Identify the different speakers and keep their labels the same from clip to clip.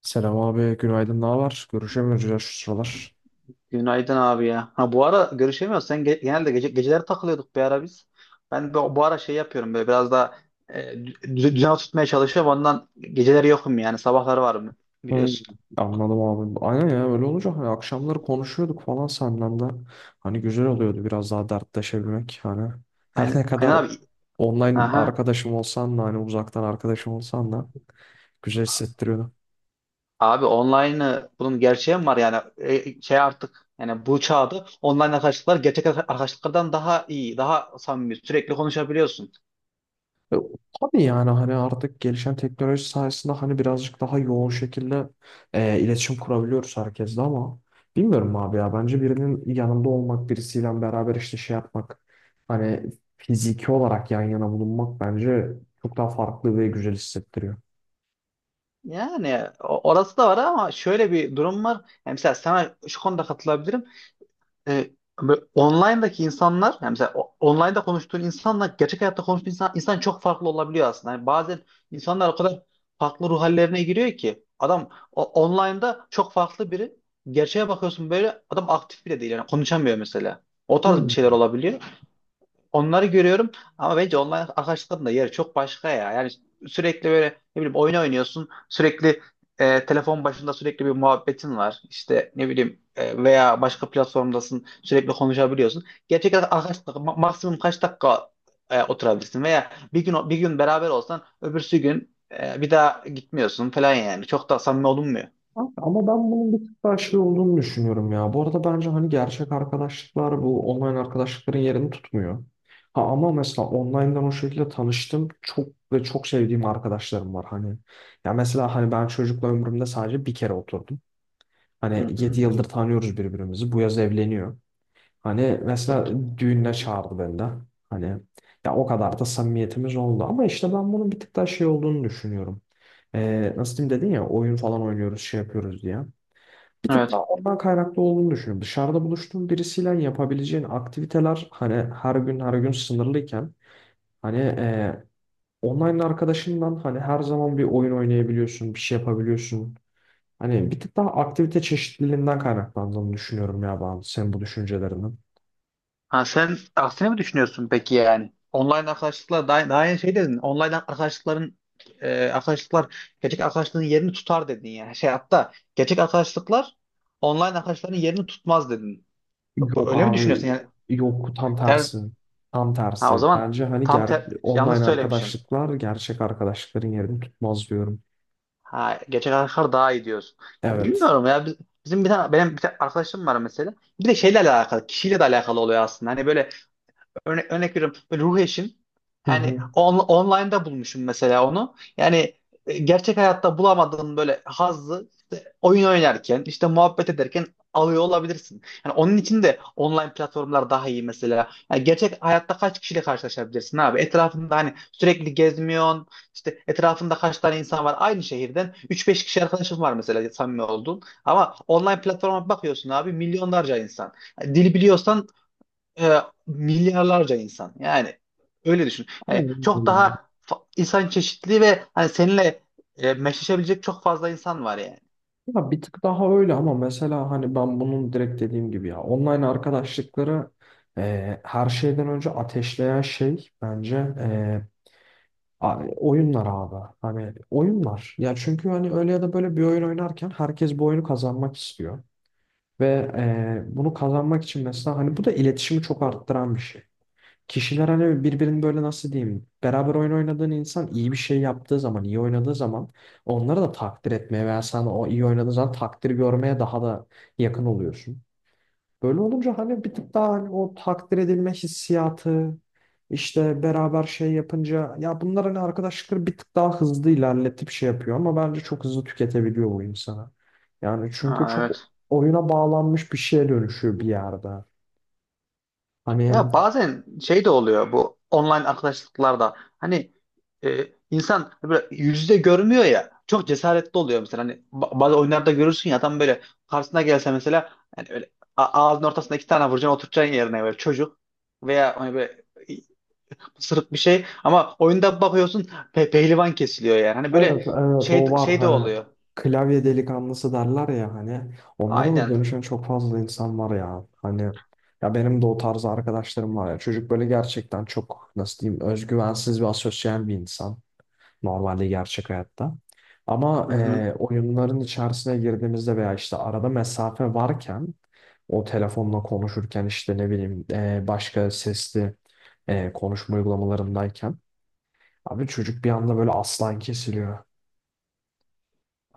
Speaker 1: Selam abi, günaydın, ne var? Görüşemiyoruz ya şu sıralar.
Speaker 2: Günaydın abi ya. Ha bu ara görüşemiyoruz. Genelde gece geceleri takılıyorduk bir ara biz. Ben bu ara şey yapıyorum böyle biraz daha düzen tutmaya çalışıyorum. Ondan geceleri yokum, yani sabahları varım,
Speaker 1: Hmm.
Speaker 2: biliyorsun.
Speaker 1: Anladım abi. Aynen ya öyle olunca hani akşamları konuşuyorduk falan senden de. Hani güzel oluyordu biraz daha dertleşebilmek. Hani her
Speaker 2: Aynen,
Speaker 1: ne
Speaker 2: aynen
Speaker 1: kadar
Speaker 2: abi.
Speaker 1: online
Speaker 2: Aha.
Speaker 1: arkadaşım olsan da hani uzaktan arkadaşım olsan da güzel hissettiriyordu.
Speaker 2: Abi online'ı bunun gerçeği mi var yani? Şey, artık yani bu çağda online arkadaşlıklar gerçek arkadaşlıklardan daha iyi, daha samimi, sürekli konuşabiliyorsun.
Speaker 1: E, Tabii yani hani artık gelişen teknoloji sayesinde hani birazcık daha yoğun şekilde iletişim kurabiliyoruz herkesle ama bilmiyorum abi ya bence birinin yanında olmak birisiyle beraber işte şey yapmak hani fiziki olarak yan yana bulunmak bence çok daha farklı ve güzel hissettiriyor.
Speaker 2: Yani orası da var ama şöyle bir durum var. Yani mesela sana şu konuda katılabilirim. e, Böyle online'daki insanlar, yani mesela online'da konuştuğun insanla gerçek hayatta konuştuğun insan çok farklı olabiliyor aslında. Yani bazen insanlar o kadar farklı ruh hallerine giriyor ki adam online'da çok farklı biri. Gerçeğe bakıyorsun böyle adam aktif bile değil, yani konuşamıyor mesela. O tarz bir şeyler
Speaker 1: Hmm.
Speaker 2: olabiliyor. Onları görüyorum, ama bence online arkadaşlıkların da yeri çok başka ya. Yani sürekli böyle, ne bileyim, oyun oynuyorsun. Sürekli telefon başında sürekli bir muhabbetin var. İşte ne bileyim, veya başka platformdasın. Sürekli konuşabiliyorsun. Gerçek arkadaşlık maksimum kaç dakika oturabilirsin, veya bir gün bir gün beraber olsan öbürsü gün bir daha gitmiyorsun falan yani. Çok da samimi olunmuyor.
Speaker 1: Ama ben bunun bir tık daha şey olduğunu düşünüyorum ya. Bu arada bence hani gerçek arkadaşlıklar bu online arkadaşlıkların yerini tutmuyor. Ha ama mesela online'dan o şekilde tanıştım. Çok ve çok sevdiğim arkadaşlarım var hani. Ya mesela hani ben çocukla ömrümde sadece bir kere oturdum. Hani
Speaker 2: Hı hı.
Speaker 1: 7 yıldır tanıyoruz birbirimizi. Bu yaz evleniyor. Hani mesela düğününe çağırdı beni de. Hani ya o kadar da samimiyetimiz oldu. Ama işte ben bunun bir tık daha şey olduğunu düşünüyorum. Nasıl diyeyim dedin ya oyun falan oynuyoruz şey yapıyoruz diye. Bir tık daha
Speaker 2: Evet.
Speaker 1: ondan kaynaklı olduğunu düşünüyorum. Dışarıda buluştuğun birisiyle yapabileceğin aktiviteler hani her gün her gün sınırlıyken hani online arkadaşından hani her zaman bir oyun oynayabiliyorsun, bir şey yapabiliyorsun. Hani bir tık daha aktivite çeşitliliğinden kaynaklandığını düşünüyorum ya ben senin bu düşüncelerinin.
Speaker 2: Ha, sen aksine mi düşünüyorsun peki yani? Online arkadaşlıklar daha, daha yeni şey dedin. Online arkadaşlıkların arkadaşlıklar gerçek arkadaşlığın yerini tutar dedin yani. Şey, hatta gerçek arkadaşlıklar online arkadaşların yerini tutmaz dedin.
Speaker 1: Yok
Speaker 2: Öyle mi
Speaker 1: abi
Speaker 2: düşünüyorsun yani?
Speaker 1: yok tam
Speaker 2: Ters,
Speaker 1: tersi. Tam
Speaker 2: ha o
Speaker 1: tersi.
Speaker 2: zaman
Speaker 1: Bence hani
Speaker 2: yanlış
Speaker 1: online
Speaker 2: söylemişsin.
Speaker 1: arkadaşlıklar gerçek arkadaşlıkların yerini tutmaz diyorum.
Speaker 2: Ha, gerçek arkadaşlar daha iyi diyorsun. Ya
Speaker 1: Evet.
Speaker 2: bilmiyorum ya, bizim bir tane, benim bir tane arkadaşım var mesela. Bir de şeyle alakalı, kişiyle de alakalı oluyor aslında. Hani böyle, örnek veriyorum. Böyle ruh eşim.
Speaker 1: Hı
Speaker 2: Yani
Speaker 1: hı.
Speaker 2: online'da bulmuşum mesela onu. Yani gerçek hayatta bulamadığın böyle hazzı işte oyun oynarken, işte muhabbet ederken alıyor olabilirsin. Yani onun için de online platformlar daha iyi mesela. Yani gerçek hayatta kaç kişiyle karşılaşabilirsin abi? Etrafında hani sürekli gezmiyorsun. İşte etrafında kaç tane insan var, aynı şehirden üç beş kişi arkadaşın var mesela, samimi oldun. Ama online platforma bakıyorsun abi, milyonlarca insan. Yani dil biliyorsan, e, milyarlarca insan. Yani öyle düşün. Yani
Speaker 1: Aynen
Speaker 2: çok
Speaker 1: öyle.
Speaker 2: daha insan çeşitliliği ve hani seninle meşleşebilecek çok fazla insan var yani.
Speaker 1: Ya bir tık daha öyle ama mesela hani ben bunun direkt dediğim gibi ya online arkadaşlıkları her şeyden önce ateşleyen şey bence oyunlar abi. Hani oyunlar. Ya çünkü hani öyle ya da böyle bir oyun oynarken herkes bu oyunu kazanmak istiyor. Ve bunu kazanmak için mesela hani bu da iletişimi çok arttıran bir şey. Kişiler hani birbirini böyle nasıl diyeyim beraber oyun oynadığın insan iyi bir şey yaptığı zaman iyi oynadığı zaman onları da takdir etmeye veya sen o iyi oynadığın zaman takdir görmeye daha da yakın oluyorsun. Böyle olunca hani bir tık daha hani o takdir edilme hissiyatı işte beraber şey yapınca ya bunlar hani arkadaşlıkları bir tık daha hızlı ilerletip şey yapıyor ama bence çok hızlı tüketebiliyor bu insana. Yani çünkü
Speaker 2: Ha,
Speaker 1: çok
Speaker 2: evet.
Speaker 1: oyuna bağlanmış bir şeye dönüşüyor bir yerde. Hani
Speaker 2: Ya bazen şey de oluyor bu online arkadaşlıklarda. Hani insan böyle yüzde görmüyor ya. Çok cesaretli oluyor mesela. Hani bazı oyunlarda görürsün ya, adam böyle karşısına gelse mesela, hani öyle ağzının ortasına iki tane vuracaksın, oturacaksın yerine, böyle çocuk veya hani böyle sırık bir şey ama oyunda bakıyorsun pehlivan kesiliyor yani. Hani
Speaker 1: evet
Speaker 2: böyle
Speaker 1: evet o
Speaker 2: şey
Speaker 1: var
Speaker 2: şey de
Speaker 1: hani
Speaker 2: oluyor.
Speaker 1: klavye delikanlısı derler ya hani onlara da
Speaker 2: Aynen.
Speaker 1: dönüşen çok fazla insan var ya hani ya benim de o tarz arkadaşlarım var ya çocuk böyle gerçekten çok nasıl diyeyim özgüvensiz ve asosyal bir insan normalde gerçek hayatta ama
Speaker 2: Hı hı.
Speaker 1: oyunların içerisine girdiğimizde veya işte arada mesafe varken o telefonla konuşurken işte ne bileyim başka sesli konuşma uygulamalarındayken abi çocuk bir anda böyle aslan kesiliyor.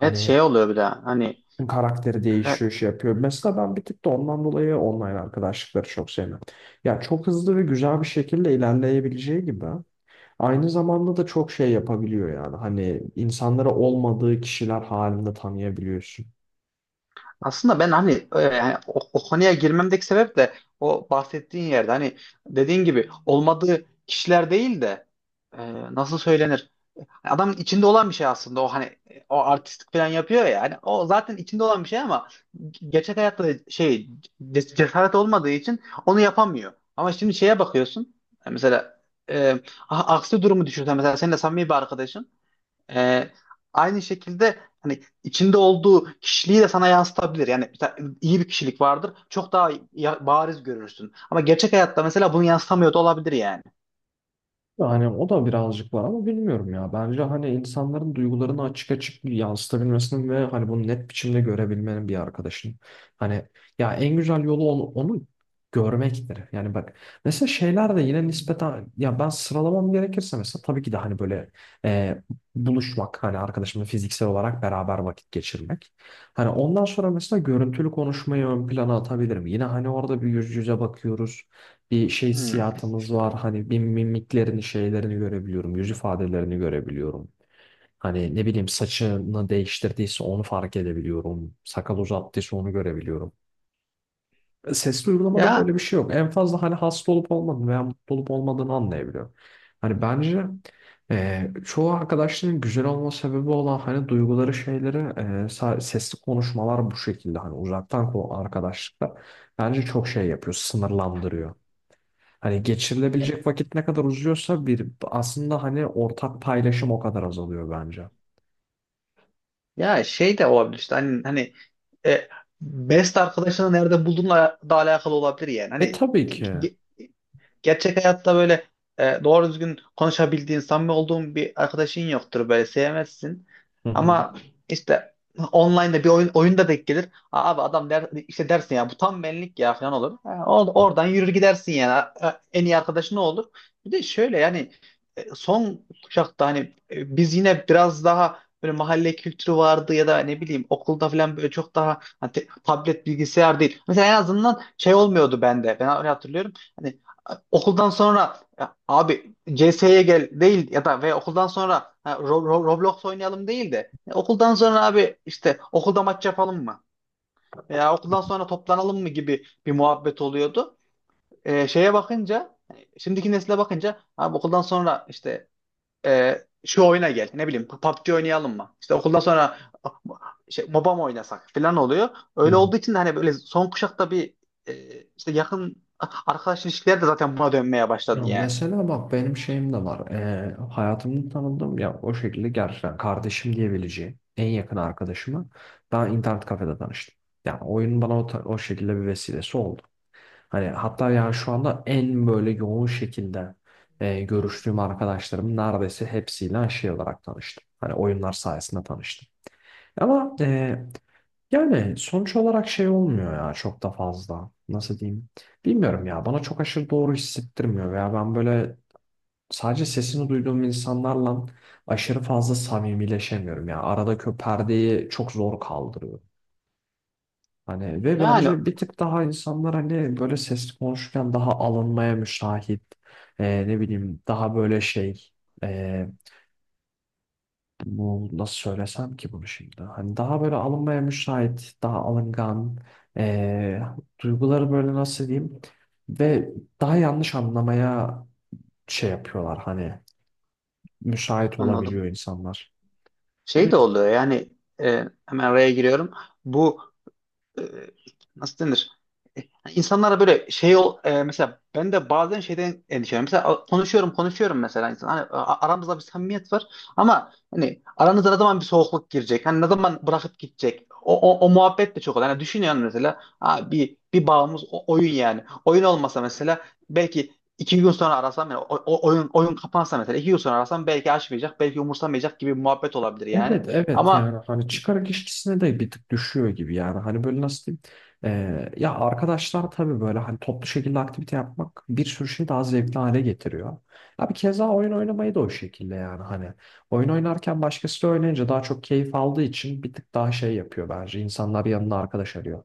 Speaker 2: Evet, şey oluyor bir de hani
Speaker 1: karakteri
Speaker 2: e,
Speaker 1: değişiyor, şey yapıyor. Mesela ben bir tık da ondan dolayı online arkadaşlıkları çok sevmem. Ya çok hızlı ve güzel bir şekilde ilerleyebileceği gibi aynı zamanda da çok şey yapabiliyor yani. Hani insanları olmadığı kişiler halinde tanıyabiliyorsun.
Speaker 2: aslında ben hani, yani o konuya girmemdeki sebep de o bahsettiğin yerde, hani dediğin gibi olmadığı kişiler değil de, e, nasıl söylenir? Adamın içinde olan bir şey aslında o, hani o artistik falan yapıyor ya, hani o zaten içinde olan bir şey ama gerçek hayatta şey, cesaret olmadığı için onu yapamıyor. Ama şimdi şeye bakıyorsun. Yani mesela e, aksi durumu düşünsen, mesela seninle samimi bir arkadaşın e, aynı şekilde hani içinde olduğu kişiliği de sana yansıtabilir. Yani mesela iyi bir kişilik vardır, çok daha bariz görürsün, ama gerçek hayatta mesela bunu yansıtamıyor da olabilir yani.
Speaker 1: Yani o da birazcık var ama bilmiyorum ya. Bence hani insanların duygularını açık açık yansıtabilmesinin ve hani bunu net biçimde görebilmenin bir arkadaşın. Hani ya en güzel yolu onu, onu görmektir. Yani bak mesela şeyler de yine nispeten ya ben sıralamam gerekirse mesela tabii ki de hani böyle e, buluşmak hani arkadaşımla fiziksel olarak beraber vakit geçirmek. Hani ondan sonra mesela görüntülü konuşmayı ön plana atabilirim. Yine hani orada bir yüz yüze bakıyoruz bir şey
Speaker 2: Hmm.
Speaker 1: hissiyatımız var. Hani bir mimiklerini, şeylerini görebiliyorum. Yüz ifadelerini görebiliyorum. Hani ne bileyim saçını değiştirdiyse onu fark edebiliyorum. Sakal uzattıysa onu görebiliyorum. Sesli uygulamada
Speaker 2: Ya
Speaker 1: böyle bir şey yok. En fazla hani hasta olup olmadığını veya mutlu olup olmadığını anlayabiliyorum. Hani bence çoğu arkadaşların güzel olma sebebi olan hani duyguları şeyleri sesli konuşmalar bu şekilde hani uzaktan arkadaşlıkta bence çok şey yapıyor, sınırlandırıyor. Hani geçirilebilecek vakit ne kadar uzuyorsa bir aslında hani ortak paylaşım o kadar azalıyor bence.
Speaker 2: Ya şey de olabilir işte, hani e, best arkadaşını nerede bulduğunla da alakalı olabilir yani.
Speaker 1: E
Speaker 2: Hani,
Speaker 1: tabii ki. Hı
Speaker 2: gerçek hayatta böyle doğru düzgün konuşabildiğin, samimi olduğun bir arkadaşın yoktur, böyle sevmezsin.
Speaker 1: hı.
Speaker 2: Ama işte online'da bir oyunda denk gelir. "Aa, abi adam," der, işte dersin ya, "bu tam benlik ya," falan olur. Ha, oradan yürür gidersin yani. Ha, en iyi arkadaşın ne olur? Bir de şöyle yani, son kuşakta hani biz yine biraz daha böyle mahalle kültürü vardı, ya da ne bileyim okulda falan, böyle çok daha hani tablet bilgisayar değil. Mesela en azından şey olmuyordu bende. Ben öyle hatırlıyorum. Hani okuldan sonra "Ya abi CS'ye gel," değil, ya da ve okuldan sonra ha, Roblox oynayalım değil de "Ya okuldan sonra abi, işte okulda maç yapalım mı? Veya okuldan sonra toplanalım mı?" gibi bir muhabbet oluyordu. Şeye bakınca, hani şimdiki nesile bakınca, abi okuldan sonra işte şu oyuna gel, ne bileyim PUBG oynayalım mı? İşte okuldan sonra şey, MOBA mı oynasak?" falan oluyor.
Speaker 1: Hı
Speaker 2: Öyle
Speaker 1: hı.
Speaker 2: olduğu için de hani böyle son kuşakta bir, e, işte yakın arkadaş ilişkileri de zaten buna dönmeye başladı
Speaker 1: Ya
Speaker 2: yani.
Speaker 1: mesela bak benim şeyim de var. E, hayatımda tanıdığım ya o şekilde gerçekten kardeşim diyebileceğim en yakın arkadaşımı ben internet kafede tanıştım. Yani oyun bana o şekilde bir vesilesi oldu. Hani hatta yani şu anda en böyle yoğun şekilde görüştüğüm arkadaşlarım neredeyse hepsiyle şey olarak tanıştım. Hani oyunlar sayesinde tanıştım. Ama e, Yani sonuç olarak şey olmuyor ya çok da fazla. Nasıl diyeyim? Bilmiyorum ya. Bana çok aşırı doğru hissettirmiyor veya ben böyle sadece sesini duyduğum insanlarla aşırı fazla samimileşemiyorum ya. Aradaki o perdeyi çok zor kaldırıyor. Hani ve
Speaker 2: Yani
Speaker 1: bence bir tık daha insanlar hani böyle sesli konuşurken daha alınmaya müsait. Ne bileyim daha böyle e, bu nasıl söylesem ki bunu şimdi? Hani daha böyle alınmaya müsait, daha alıngan, eee, duyguları böyle nasıl diyeyim? Ve daha yanlış anlamaya şey yapıyorlar hani müsait olabiliyor
Speaker 2: anladım.
Speaker 1: insanlar. O
Speaker 2: Şey de oluyor yani, hemen araya giriyorum. Bu, e, nasıl denir? E, hani İnsanlara böyle şey ol, mesela ben de bazen şeyden endişeleniyorum. Mesela konuşuyorum mesela, insan hani aramızda bir samimiyet var ama hani aranıza ne zaman bir soğukluk girecek? Hani ne zaman bırakıp gidecek? O muhabbet de çok oluyor. Hani düşünüyorum mesela ha, bir bağımız oyun yani. Oyun olmasa mesela belki iki gün sonra arasam, yani oyun kapansa mesela iki gün sonra arasam belki açmayacak, belki umursamayacak gibi bir muhabbet olabilir yani.
Speaker 1: evet evet
Speaker 2: Ama
Speaker 1: yani hani çıkarak işçisine de bir tık düşüyor gibi yani hani böyle nasıl diyeyim ya arkadaşlar tabii böyle hani toplu şekilde aktivite yapmak bir sürü şeyi daha zevkli hale getiriyor. Abi keza oyun oynamayı da o şekilde yani hani oyun oynarken başkası da oynayınca daha çok keyif aldığı için bir tık daha şey yapıyor bence insanlar yanına arkadaş arıyor.